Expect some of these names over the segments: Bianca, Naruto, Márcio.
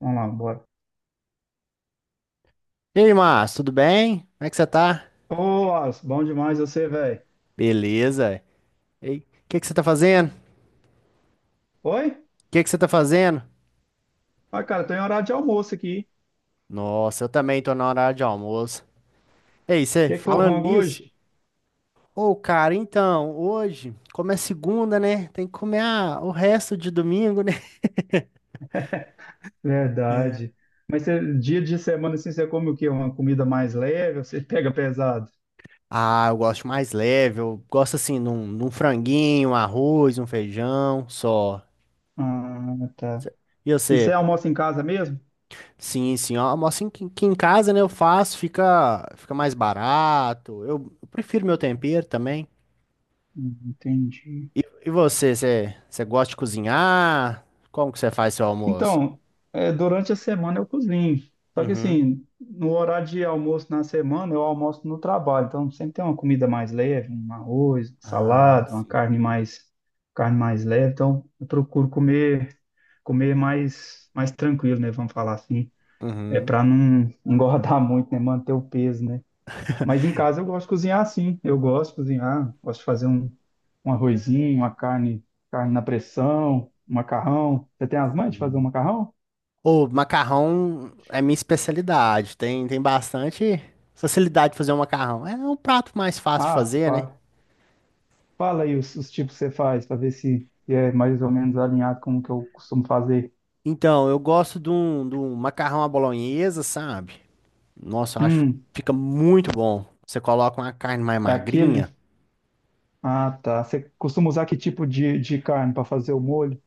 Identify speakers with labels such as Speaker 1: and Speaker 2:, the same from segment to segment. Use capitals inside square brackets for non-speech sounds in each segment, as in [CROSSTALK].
Speaker 1: Vamos lá, bora.
Speaker 2: E aí, Márcio, tudo bem? Como é que você tá?
Speaker 1: Ô, Alisson, bom demais você, velho.
Speaker 2: Beleza. E o Que que você tá fazendo? O
Speaker 1: Oi?
Speaker 2: que que você tá fazendo?
Speaker 1: Ah, cara, tô em horário de almoço aqui.
Speaker 2: Nossa, eu também tô na hora de almoço. Ei,
Speaker 1: O
Speaker 2: você
Speaker 1: que é que foi o
Speaker 2: falando
Speaker 1: rango
Speaker 2: nisso?
Speaker 1: hoje?
Speaker 2: Ô, cara, então, hoje, como é segunda, né? Tem que comer o resto de domingo, né?
Speaker 1: Verdade. Mas você, dia de semana, assim, você come o quê? Uma comida mais leve ou você pega pesado?
Speaker 2: [LAUGHS] Ah, eu gosto mais leve, eu gosto assim, num franguinho, um arroz, um feijão, só.
Speaker 1: Ah, tá.
Speaker 2: E
Speaker 1: E
Speaker 2: você?
Speaker 1: você
Speaker 2: Pô,
Speaker 1: almoça em casa mesmo?
Speaker 2: sim, sim, ó, almoço em- que em casa, né, eu faço, fica mais barato. Eu prefiro meu tempero também.
Speaker 1: Entendi.
Speaker 2: E você, você gosta de cozinhar? Como que você faz seu almoço?
Speaker 1: Então, é, durante a semana eu cozinho. Só que
Speaker 2: Uhum.
Speaker 1: assim, no horário de almoço na semana, eu almoço no trabalho. Então sempre tem uma comida mais leve, um arroz,
Speaker 2: Ah,
Speaker 1: salada, uma
Speaker 2: sim.
Speaker 1: carne mais leve. Então eu procuro comer, comer mais, mais tranquilo, né? Vamos falar assim. É
Speaker 2: Uhum.
Speaker 1: para não engordar [LAUGHS] muito, né? Manter o peso, né? Mas em casa eu gosto de cozinhar assim. Eu gosto de cozinhar, gosto de fazer um, um arrozinho, uma carne, carne na pressão, um macarrão. Você tem as mães de fazer um macarrão?
Speaker 2: O macarrão é minha especialidade. Tem, tem bastante facilidade de fazer um macarrão. É um prato mais fácil de
Speaker 1: Ah,
Speaker 2: fazer, né?
Speaker 1: para. Fala aí os tipos que você faz, para ver se é mais ou menos alinhado com o que eu costumo fazer.
Speaker 2: Então, eu gosto de um macarrão à bolonhesa, sabe? Nossa, eu acho que
Speaker 1: Hum,
Speaker 2: fica muito bom. Você coloca uma carne mais
Speaker 1: é
Speaker 2: magrinha.
Speaker 1: aquele? Ah, tá. Você costuma usar que tipo de carne para fazer o molho?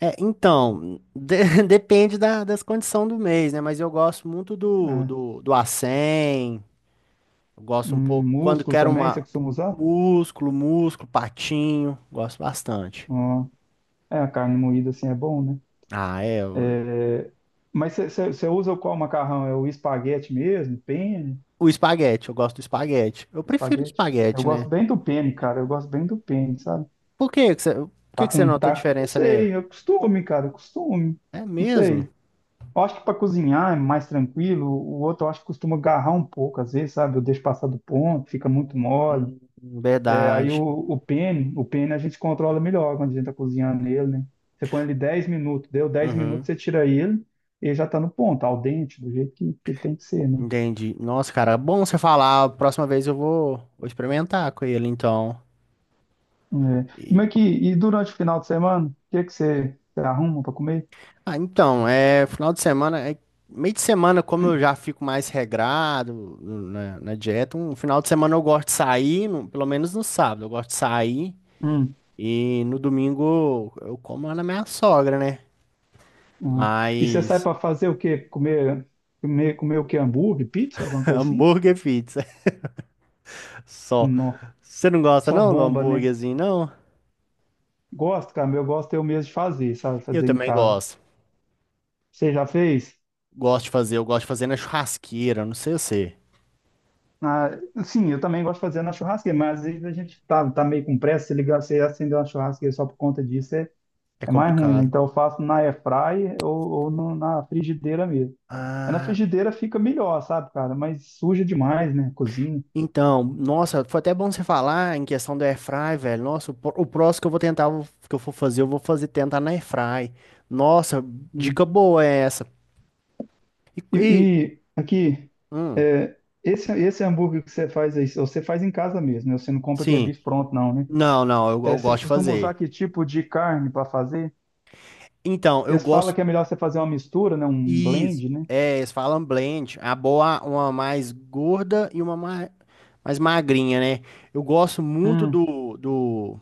Speaker 2: É, então, [LAUGHS] depende da, das condições do mês, né? Mas eu gosto muito do,
Speaker 1: Ah,
Speaker 2: do, do acém, eu gosto um pouco, quando
Speaker 1: músculo
Speaker 2: quero
Speaker 1: também, você
Speaker 2: uma,
Speaker 1: costuma usar?
Speaker 2: músculo, músculo, patinho, gosto bastante.
Speaker 1: Ah, é, a carne moída assim é bom, né?
Speaker 2: Ah, é,
Speaker 1: É, mas você usa o qual macarrão? É o espaguete mesmo? Penne?
Speaker 2: o espaguete, eu gosto do espaguete. Eu prefiro
Speaker 1: Espaguete? Eu
Speaker 2: espaguete, né?
Speaker 1: gosto bem do penne, cara. Eu gosto bem do penne, sabe?
Speaker 2: Por que que você, por que
Speaker 1: Tá
Speaker 2: que você
Speaker 1: com,
Speaker 2: notou
Speaker 1: tá, não
Speaker 2: diferença nele?
Speaker 1: sei, é costume, cara, é costume.
Speaker 2: É
Speaker 1: Não
Speaker 2: mesmo?
Speaker 1: sei. Eu acho que para cozinhar é mais tranquilo. O outro eu acho que costuma agarrar um pouco, às vezes, sabe? Eu deixo passar do ponto, fica muito mole.
Speaker 2: Hum,
Speaker 1: É, aí o,
Speaker 2: verdade.
Speaker 1: o pene, o pene a gente controla melhor quando a gente tá cozinhando nele, né? Você põe ele 10 minutos, deu 10 minutos,
Speaker 2: Uhum,
Speaker 1: você tira ele, ele já tá no ponto, ao dente, do jeito que tem que ser, né?
Speaker 2: entendi. Nossa, cara, é bom você falar, a próxima vez eu vou, vou experimentar com ele, então.
Speaker 1: É. Como é que, e durante o final de semana, o que é que você, você arruma para comer?
Speaker 2: Ah, então, é final de semana, é, meio de semana, como eu já fico mais regrado na, na dieta, um final de semana eu gosto de sair, pelo menos no sábado, eu gosto de sair
Speaker 1: Hum,
Speaker 2: e no domingo eu como lá na minha sogra, né?
Speaker 1: hum. E você sai
Speaker 2: Mas
Speaker 1: para fazer o quê? Comer, comer, comer o quê? Hambúrguer, pizza,
Speaker 2: [LAUGHS]
Speaker 1: alguma coisa assim?
Speaker 2: hambúrguer e pizza, [LAUGHS] só.
Speaker 1: Nossa,
Speaker 2: Você não gosta
Speaker 1: só
Speaker 2: não do
Speaker 1: bomba, né?
Speaker 2: hambúrguerzinho, não?
Speaker 1: Gosto, cara, eu gosto eu mesmo de fazer, sabe?
Speaker 2: Eu
Speaker 1: Fazer em
Speaker 2: também
Speaker 1: casa.
Speaker 2: gosto.
Speaker 1: Você já fez?
Speaker 2: Gosto de fazer, eu gosto de fazer na churrasqueira, não sei você.
Speaker 1: Ah, sim, eu também gosto de fazer na churrasqueira, mas às vezes a gente tá meio com pressa, se ligar, você acender uma churrasqueira só por conta disso é,
Speaker 2: É
Speaker 1: é mais ruim, né?
Speaker 2: complicado.
Speaker 1: Então eu faço na airfryer ou no- na frigideira mesmo. Mas na
Speaker 2: Ah.
Speaker 1: frigideira fica melhor, sabe, cara? Mas suja demais, né? Cozinha.
Speaker 2: Então, nossa, foi até bom você falar em questão do airfry, velho. Nossa, o próximo que eu vou tentar, que eu for fazer, eu vou fazer tentar na airfry. Nossa,
Speaker 1: Hum.
Speaker 2: dica boa é essa. E,
Speaker 1: E,
Speaker 2: e-
Speaker 1: e aqui,
Speaker 2: hum,
Speaker 1: é, esse hambúrguer que você faz aí, você faz em casa mesmo, né? Você não compra aquele
Speaker 2: sim.
Speaker 1: bife pronto, não, né?
Speaker 2: Não, não, eu,
Speaker 1: É,
Speaker 2: eu
Speaker 1: você
Speaker 2: gosto de
Speaker 1: costuma usar
Speaker 2: fazer.
Speaker 1: que tipo de carne para fazer?
Speaker 2: Então, eu
Speaker 1: Porque se fala
Speaker 2: gosto
Speaker 1: que é melhor você fazer uma mistura, né? Um
Speaker 2: isso.
Speaker 1: blend, né?
Speaker 2: É, eles falam blend, a boa, uma mais gorda e uma mais, mais magrinha, né? Eu gosto muito
Speaker 1: Hum,
Speaker 2: do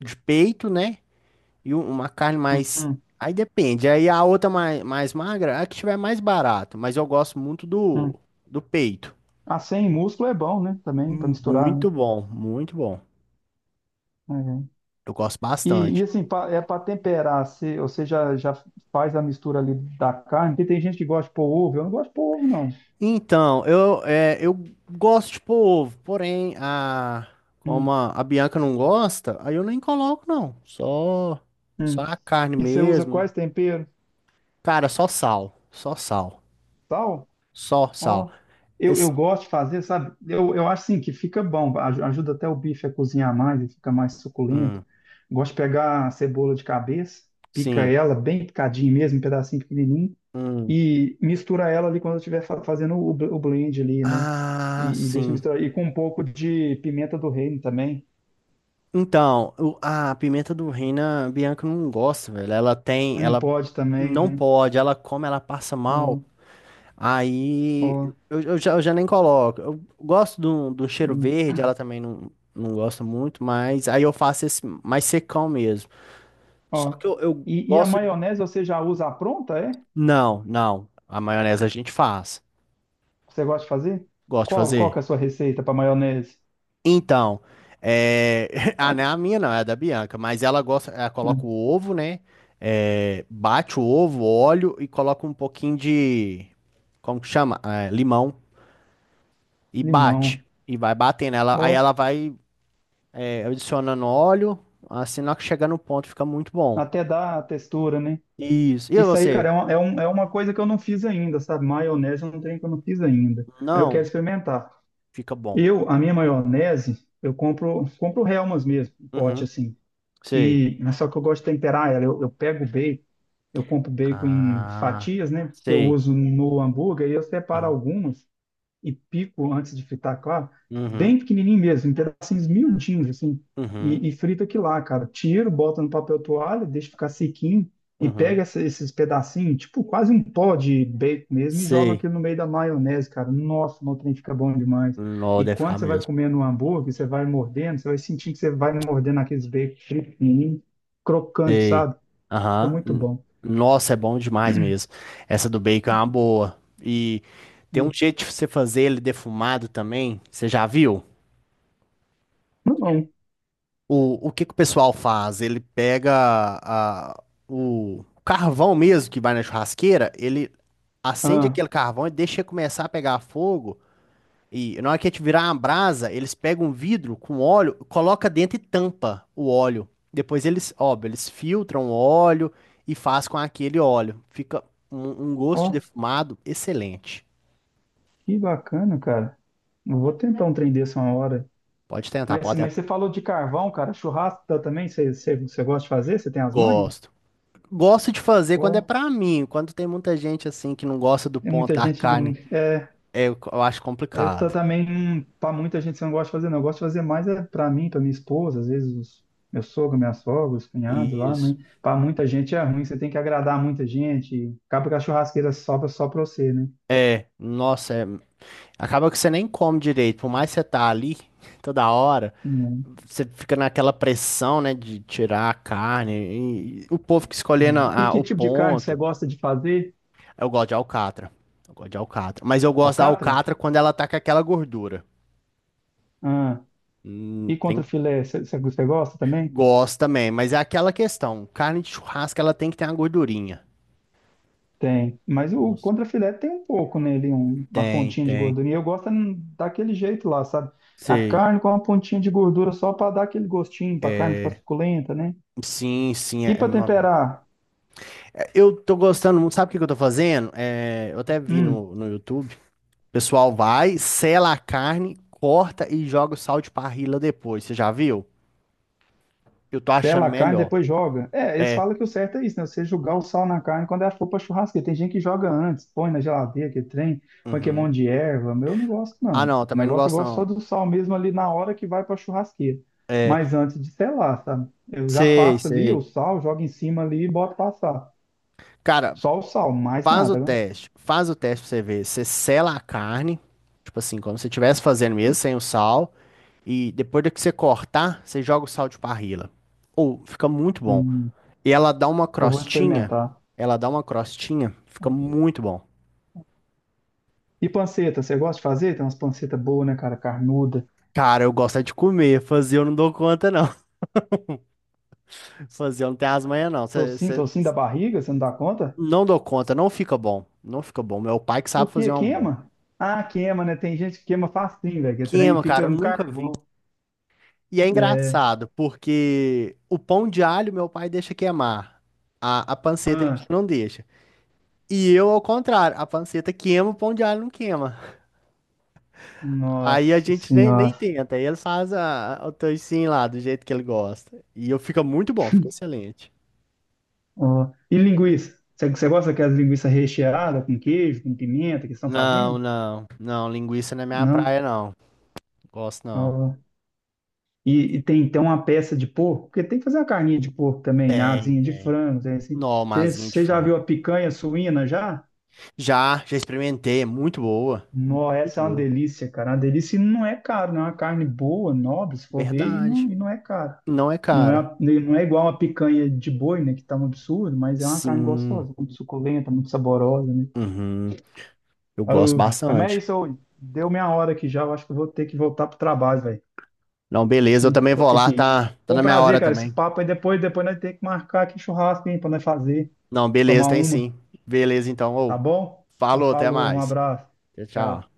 Speaker 2: de peito, né? Uma carne
Speaker 1: hum,
Speaker 2: mais.
Speaker 1: hum,
Speaker 2: Aí depende. Aí a outra mais, mais magra, é a que tiver mais barato. Mas eu gosto muito do,
Speaker 1: hum.
Speaker 2: do peito.
Speaker 1: Ah, sem músculo é bom, né? Também, para misturar, né?
Speaker 2: Muito bom, muito bom.
Speaker 1: Uhum.
Speaker 2: Eu gosto
Speaker 1: E
Speaker 2: bastante.
Speaker 1: assim, pa- é para temperar, se, você já faz a mistura ali da carne, porque tem gente que gosta de pôr ovo, eu não gosto de pôr ovo, não.
Speaker 2: Então, eu, é, eu gosto de polvo, porém, a,
Speaker 1: Hum,
Speaker 2: como a Bianca não gosta, aí eu nem coloco, não. Só, só
Speaker 1: hum.
Speaker 2: a carne
Speaker 1: E você usa
Speaker 2: mesmo.
Speaker 1: quais temperos?
Speaker 2: Cara, só sal. Só sal.
Speaker 1: Sal?
Speaker 2: Só sal.
Speaker 1: Ó, eu,
Speaker 2: Esse,
Speaker 1: eu gosto de fazer, sabe? Eu acho assim que fica bom, aj- ajuda até o bife a cozinhar mais e fica mais suculento.
Speaker 2: hum,
Speaker 1: Gosto de pegar a cebola de cabeça, pica
Speaker 2: sim.
Speaker 1: ela bem picadinho mesmo, um pedacinho pequenininho,
Speaker 2: Hum.
Speaker 1: e mistura ela ali quando eu estiver fa- fazendo o, bl- o blend ali, né?
Speaker 2: Ah,
Speaker 1: E deixa
Speaker 2: sim.
Speaker 1: misturar. E com um pouco de pimenta do reino também.
Speaker 2: Então, a pimenta do reino, a Bianca não gosta, velho. Ela tem,
Speaker 1: Não
Speaker 2: ela
Speaker 1: pode também,
Speaker 2: não
Speaker 1: né?
Speaker 2: pode, ela come, ela passa mal.
Speaker 1: Ó,
Speaker 2: Aí
Speaker 1: ó,
Speaker 2: eu, eu já nem coloco. Eu gosto do cheiro
Speaker 1: hum,
Speaker 2: verde, ela também não, não gosta muito, mas aí eu faço esse mais secão mesmo. Só
Speaker 1: ó.
Speaker 2: que eu
Speaker 1: E a
Speaker 2: gosto.
Speaker 1: maionese você já usa a pronta, é?
Speaker 2: Não, não. A maionese a gente faz.
Speaker 1: Você gosta de fazer?
Speaker 2: Gosto de
Speaker 1: Qual, qual que
Speaker 2: fazer.
Speaker 1: é a sua receita para maionese?
Speaker 2: Então, é... [LAUGHS] ah, não é a minha não, é a da Bianca, mas ela gosta, ela coloca o
Speaker 1: É,
Speaker 2: ovo, né? É, bate o ovo, óleo e coloca um pouquinho de, como que chama? É, limão e bate.
Speaker 1: limão.
Speaker 2: E vai batendo. Ela, aí
Speaker 1: Ó,
Speaker 2: ela vai é, adicionando óleo, assim, na hora que chegar no ponto fica muito bom.
Speaker 1: até dá a textura, né?
Speaker 2: Isso. E
Speaker 1: Isso aí,
Speaker 2: você?
Speaker 1: cara, é uma, é um- é uma coisa que eu não fiz ainda, sabe? Maionese é um trem que eu não fiz ainda. Mas eu quero
Speaker 2: Não,
Speaker 1: experimentar.
Speaker 2: fica bom.
Speaker 1: Eu, a minha maionese, eu compro, compro Hellmann's mesmo, um pote
Speaker 2: Uhum,
Speaker 1: assim.
Speaker 2: sei.
Speaker 1: E, mas só que eu gosto de temperar ela. Eu pego o bacon, eu compro bacon em
Speaker 2: Ah,
Speaker 1: fatias, né? Que eu
Speaker 2: sei.
Speaker 1: uso no hambúrguer e eu separo
Speaker 2: Uhum,
Speaker 1: algumas. E pico antes de fritar, claro,
Speaker 2: uhum,
Speaker 1: bem pequenininho mesmo, em pedacinhos miudinhos, assim,
Speaker 2: uhum,
Speaker 1: e frita aqui lá, cara. Tiro, bota no papel toalha, deixa ficar sequinho e pega
Speaker 2: uhum,
Speaker 1: essa- esses pedacinhos, tipo quase um pó de bacon mesmo, e joga
Speaker 2: sei.
Speaker 1: aquilo no meio da maionese, cara. Nossa, o trem fica bom demais.
Speaker 2: Não,
Speaker 1: E
Speaker 2: deve ficar
Speaker 1: quando você vai
Speaker 2: mesmo.
Speaker 1: comendo um hambúrguer, você vai mordendo, você vai sentindo que você vai mordendo aqueles bacon frito, pequenininho, crocante,
Speaker 2: Sei.
Speaker 1: sabe? Fica
Speaker 2: Aham.
Speaker 1: muito
Speaker 2: N-
Speaker 1: bom.
Speaker 2: Nossa, é bom demais mesmo. Essa do bacon é uma boa. E tem um jeito de você fazer ele defumado também. Você já viu?
Speaker 1: Não,
Speaker 2: O que que o pessoal faz? Ele pega a, o carvão mesmo que vai na churrasqueira, ele acende
Speaker 1: ah,
Speaker 2: aquele carvão e deixa começar a pegar fogo. E na hora que a gente virar uma brasa, eles pegam um vidro com óleo, coloca dentro e tampa o óleo. Depois eles, óbvio, eles filtram o óleo e faz com aquele óleo. Fica um, um gosto de
Speaker 1: ó,
Speaker 2: defumado excelente.
Speaker 1: que bacana, cara. Eu vou tentar um trem desse uma hora.
Speaker 2: Pode tentar,
Speaker 1: Mas,
Speaker 2: pode
Speaker 1: mas você
Speaker 2: tentar.
Speaker 1: falou de carvão, cara. Churrasco tá também, você gosta de fazer? Você tem as manhas?
Speaker 2: Gosto. Gosto de fazer quando é
Speaker 1: Pô,
Speaker 2: pra mim. Quando tem muita gente assim que não gosta do
Speaker 1: é
Speaker 2: ponto
Speaker 1: muita
Speaker 2: da
Speaker 1: gente. Não-
Speaker 2: carne,
Speaker 1: É,
Speaker 2: é, eu acho
Speaker 1: é tá
Speaker 2: complicado.
Speaker 1: também. Hum, pra muita gente você não gosta de fazer, não. Eu gosto de fazer mais é pra mim, pra minha esposa, às vezes os, meu sogro, minha sogra, os cunhados lá.
Speaker 2: Isso.
Speaker 1: Mas pra muita gente é ruim, você tem que agradar muita gente. E acaba que a churrasqueira sobra só pra você, né?
Speaker 2: É, nossa, é- acaba que você nem come direito, por mais que você tá ali [LAUGHS] toda hora.
Speaker 1: Hum,
Speaker 2: Você fica naquela pressão, né, de tirar a carne. E o povo que
Speaker 1: é.
Speaker 2: escolhendo
Speaker 1: E que
Speaker 2: o
Speaker 1: tipo de carne você
Speaker 2: ponto.
Speaker 1: gosta de fazer?
Speaker 2: Eu gosto de alcatra. Eu gosto de alcatra. Mas eu gosto da
Speaker 1: Alcatra?
Speaker 2: alcatra quando ela tá com aquela gordura.
Speaker 1: Ah, e contra
Speaker 2: Tem...
Speaker 1: filé, você gosta também?
Speaker 2: Gosto também, mas é aquela questão. Carne de churrasco, ela tem que ter uma gordurinha.
Speaker 1: Tem, mas o
Speaker 2: Nossa.
Speaker 1: contrafilé tem um pouco nele, um- uma
Speaker 2: Tem,
Speaker 1: pontinha de
Speaker 2: tem.
Speaker 1: gordura. E eu gosto daquele jeito lá, sabe? A
Speaker 2: Sei.
Speaker 1: carne com uma pontinha de gordura só para dar aquele gostinho, para a carne ficar suculenta, né?
Speaker 2: Sim, sim,
Speaker 1: E para
Speaker 2: não é bom.
Speaker 1: temperar?
Speaker 2: É, eu tô gostando muito. Sabe o que que eu tô fazendo? É, eu até vi
Speaker 1: Hum.
Speaker 2: no YouTube. O pessoal vai, sela a carne, corta e joga o sal de parrilla depois. Você já viu? Eu tô
Speaker 1: Tela
Speaker 2: achando
Speaker 1: a carne,
Speaker 2: melhor.
Speaker 1: depois joga. É, eles falam que o certo é isso, né? Você jogar o sal na carne quando ela for pra churrasqueira. Tem gente que joga antes, põe na geladeira, que trem, põe que é
Speaker 2: Uhum.
Speaker 1: monte de erva. Meu, eu não gosto,
Speaker 2: Ah,
Speaker 1: não. O
Speaker 2: não, também não
Speaker 1: negócio eu
Speaker 2: gosto
Speaker 1: gosto só
Speaker 2: não.
Speaker 1: do sal mesmo ali na hora que vai pra churrasqueira. Mas antes de selar, sabe? Eu já
Speaker 2: Sei,
Speaker 1: passo ali o
Speaker 2: sei.
Speaker 1: sal, jogo em cima ali e boto passar.
Speaker 2: Cara,
Speaker 1: Só o sal, mais
Speaker 2: faz o
Speaker 1: nada, né?
Speaker 2: teste. Faz o teste pra você ver. Você sela a carne, tipo assim, como se estivesse fazendo mesmo, sem o sal. E depois de que você cortar, você joga o sal de parrilla. Ou fica muito bom.
Speaker 1: Hum,
Speaker 2: E ela dá uma
Speaker 1: eu vou
Speaker 2: crostinha.
Speaker 1: experimentar.
Speaker 2: Ela dá uma crostinha. Fica muito bom.
Speaker 1: E panceta, você gosta de fazer? Tem umas pancetas boas, né, cara? Carnuda.
Speaker 2: Cara, eu gosto é de comer. Fazer eu não dou conta, não. Fazer eu não tem as manhas, não.
Speaker 1: Tocinho, tocinho da barriga, você não dá conta?
Speaker 2: Não dou conta, não fica bom. Não fica bom. Meu pai que sabe
Speaker 1: Porque
Speaker 2: fazer um bom.
Speaker 1: queima? Ah, queima, né? Tem gente que queima facinho, velho, que é trem
Speaker 2: Queima,
Speaker 1: fica
Speaker 2: cara, eu
Speaker 1: um
Speaker 2: nunca vi.
Speaker 1: carvão.
Speaker 2: E é
Speaker 1: É.
Speaker 2: engraçado, porque o pão de alho meu pai deixa queimar. A panceta ele
Speaker 1: Ah,
Speaker 2: não deixa. E eu, ao contrário, a panceta queima, o pão de alho não queima. Aí a
Speaker 1: nossa
Speaker 2: gente nem, nem
Speaker 1: senhora.
Speaker 2: tenta. Aí ele faz a, o toicinho lá, do jeito que ele gosta. E eu fica muito bom, fica excelente.
Speaker 1: Ó. E linguiça? Você gosta daquelas linguiças recheadas com queijo, com pimenta que estão
Speaker 2: Não,
Speaker 1: fazendo?
Speaker 2: não, não, linguiça não é minha
Speaker 1: Não.
Speaker 2: praia, não. Gosto não.
Speaker 1: Ó. E tem então uma peça de porco, porque tem que fazer uma carninha de porco também, né?
Speaker 2: Tem,
Speaker 1: Asinha de
Speaker 2: tem.
Speaker 1: frango, tem assim.
Speaker 2: Nó,
Speaker 1: Você,
Speaker 2: masinha de
Speaker 1: você já viu
Speaker 2: frango.
Speaker 1: a picanha suína já?
Speaker 2: Já, já experimentei, é muito boa.
Speaker 1: Nó, essa
Speaker 2: Muito
Speaker 1: é uma
Speaker 2: boa.
Speaker 1: delícia, cara. Uma delícia e não é caro, não é uma carne boa, nobre, se for ver,
Speaker 2: Verdade.
Speaker 1: e não é caro.
Speaker 2: Não é
Speaker 1: Não é,
Speaker 2: cara.
Speaker 1: uma- não é igual uma picanha de boi, né? Que tá um absurdo, mas é uma carne
Speaker 2: Sim.
Speaker 1: gostosa, muito suculenta, muito saborosa, né?
Speaker 2: Uhum. Eu gosto
Speaker 1: Oh, rapaz, mas é
Speaker 2: bastante.
Speaker 1: isso, ô, deu minha hora aqui já. Eu acho que eu vou ter que voltar pro trabalho, velho.
Speaker 2: Não,
Speaker 1: Acho
Speaker 2: beleza, eu
Speaker 1: que
Speaker 2: também
Speaker 1: vou
Speaker 2: vou
Speaker 1: ter que
Speaker 2: lá,
Speaker 1: ir.
Speaker 2: tá, tá
Speaker 1: Foi um
Speaker 2: na minha
Speaker 1: prazer,
Speaker 2: hora
Speaker 1: cara, esse
Speaker 2: também.
Speaker 1: papo aí. Depois nós temos que marcar aqui churrasco, hein, pra nós fazer,
Speaker 2: Não,
Speaker 1: tomar
Speaker 2: beleza, tem
Speaker 1: uma,
Speaker 2: sim. Beleza, então.
Speaker 1: tá
Speaker 2: Ô,
Speaker 1: bom? Então,
Speaker 2: falou, até
Speaker 1: falou, um
Speaker 2: mais.
Speaker 1: abraço.
Speaker 2: Tchau,
Speaker 1: Tchau.
Speaker 2: tchau.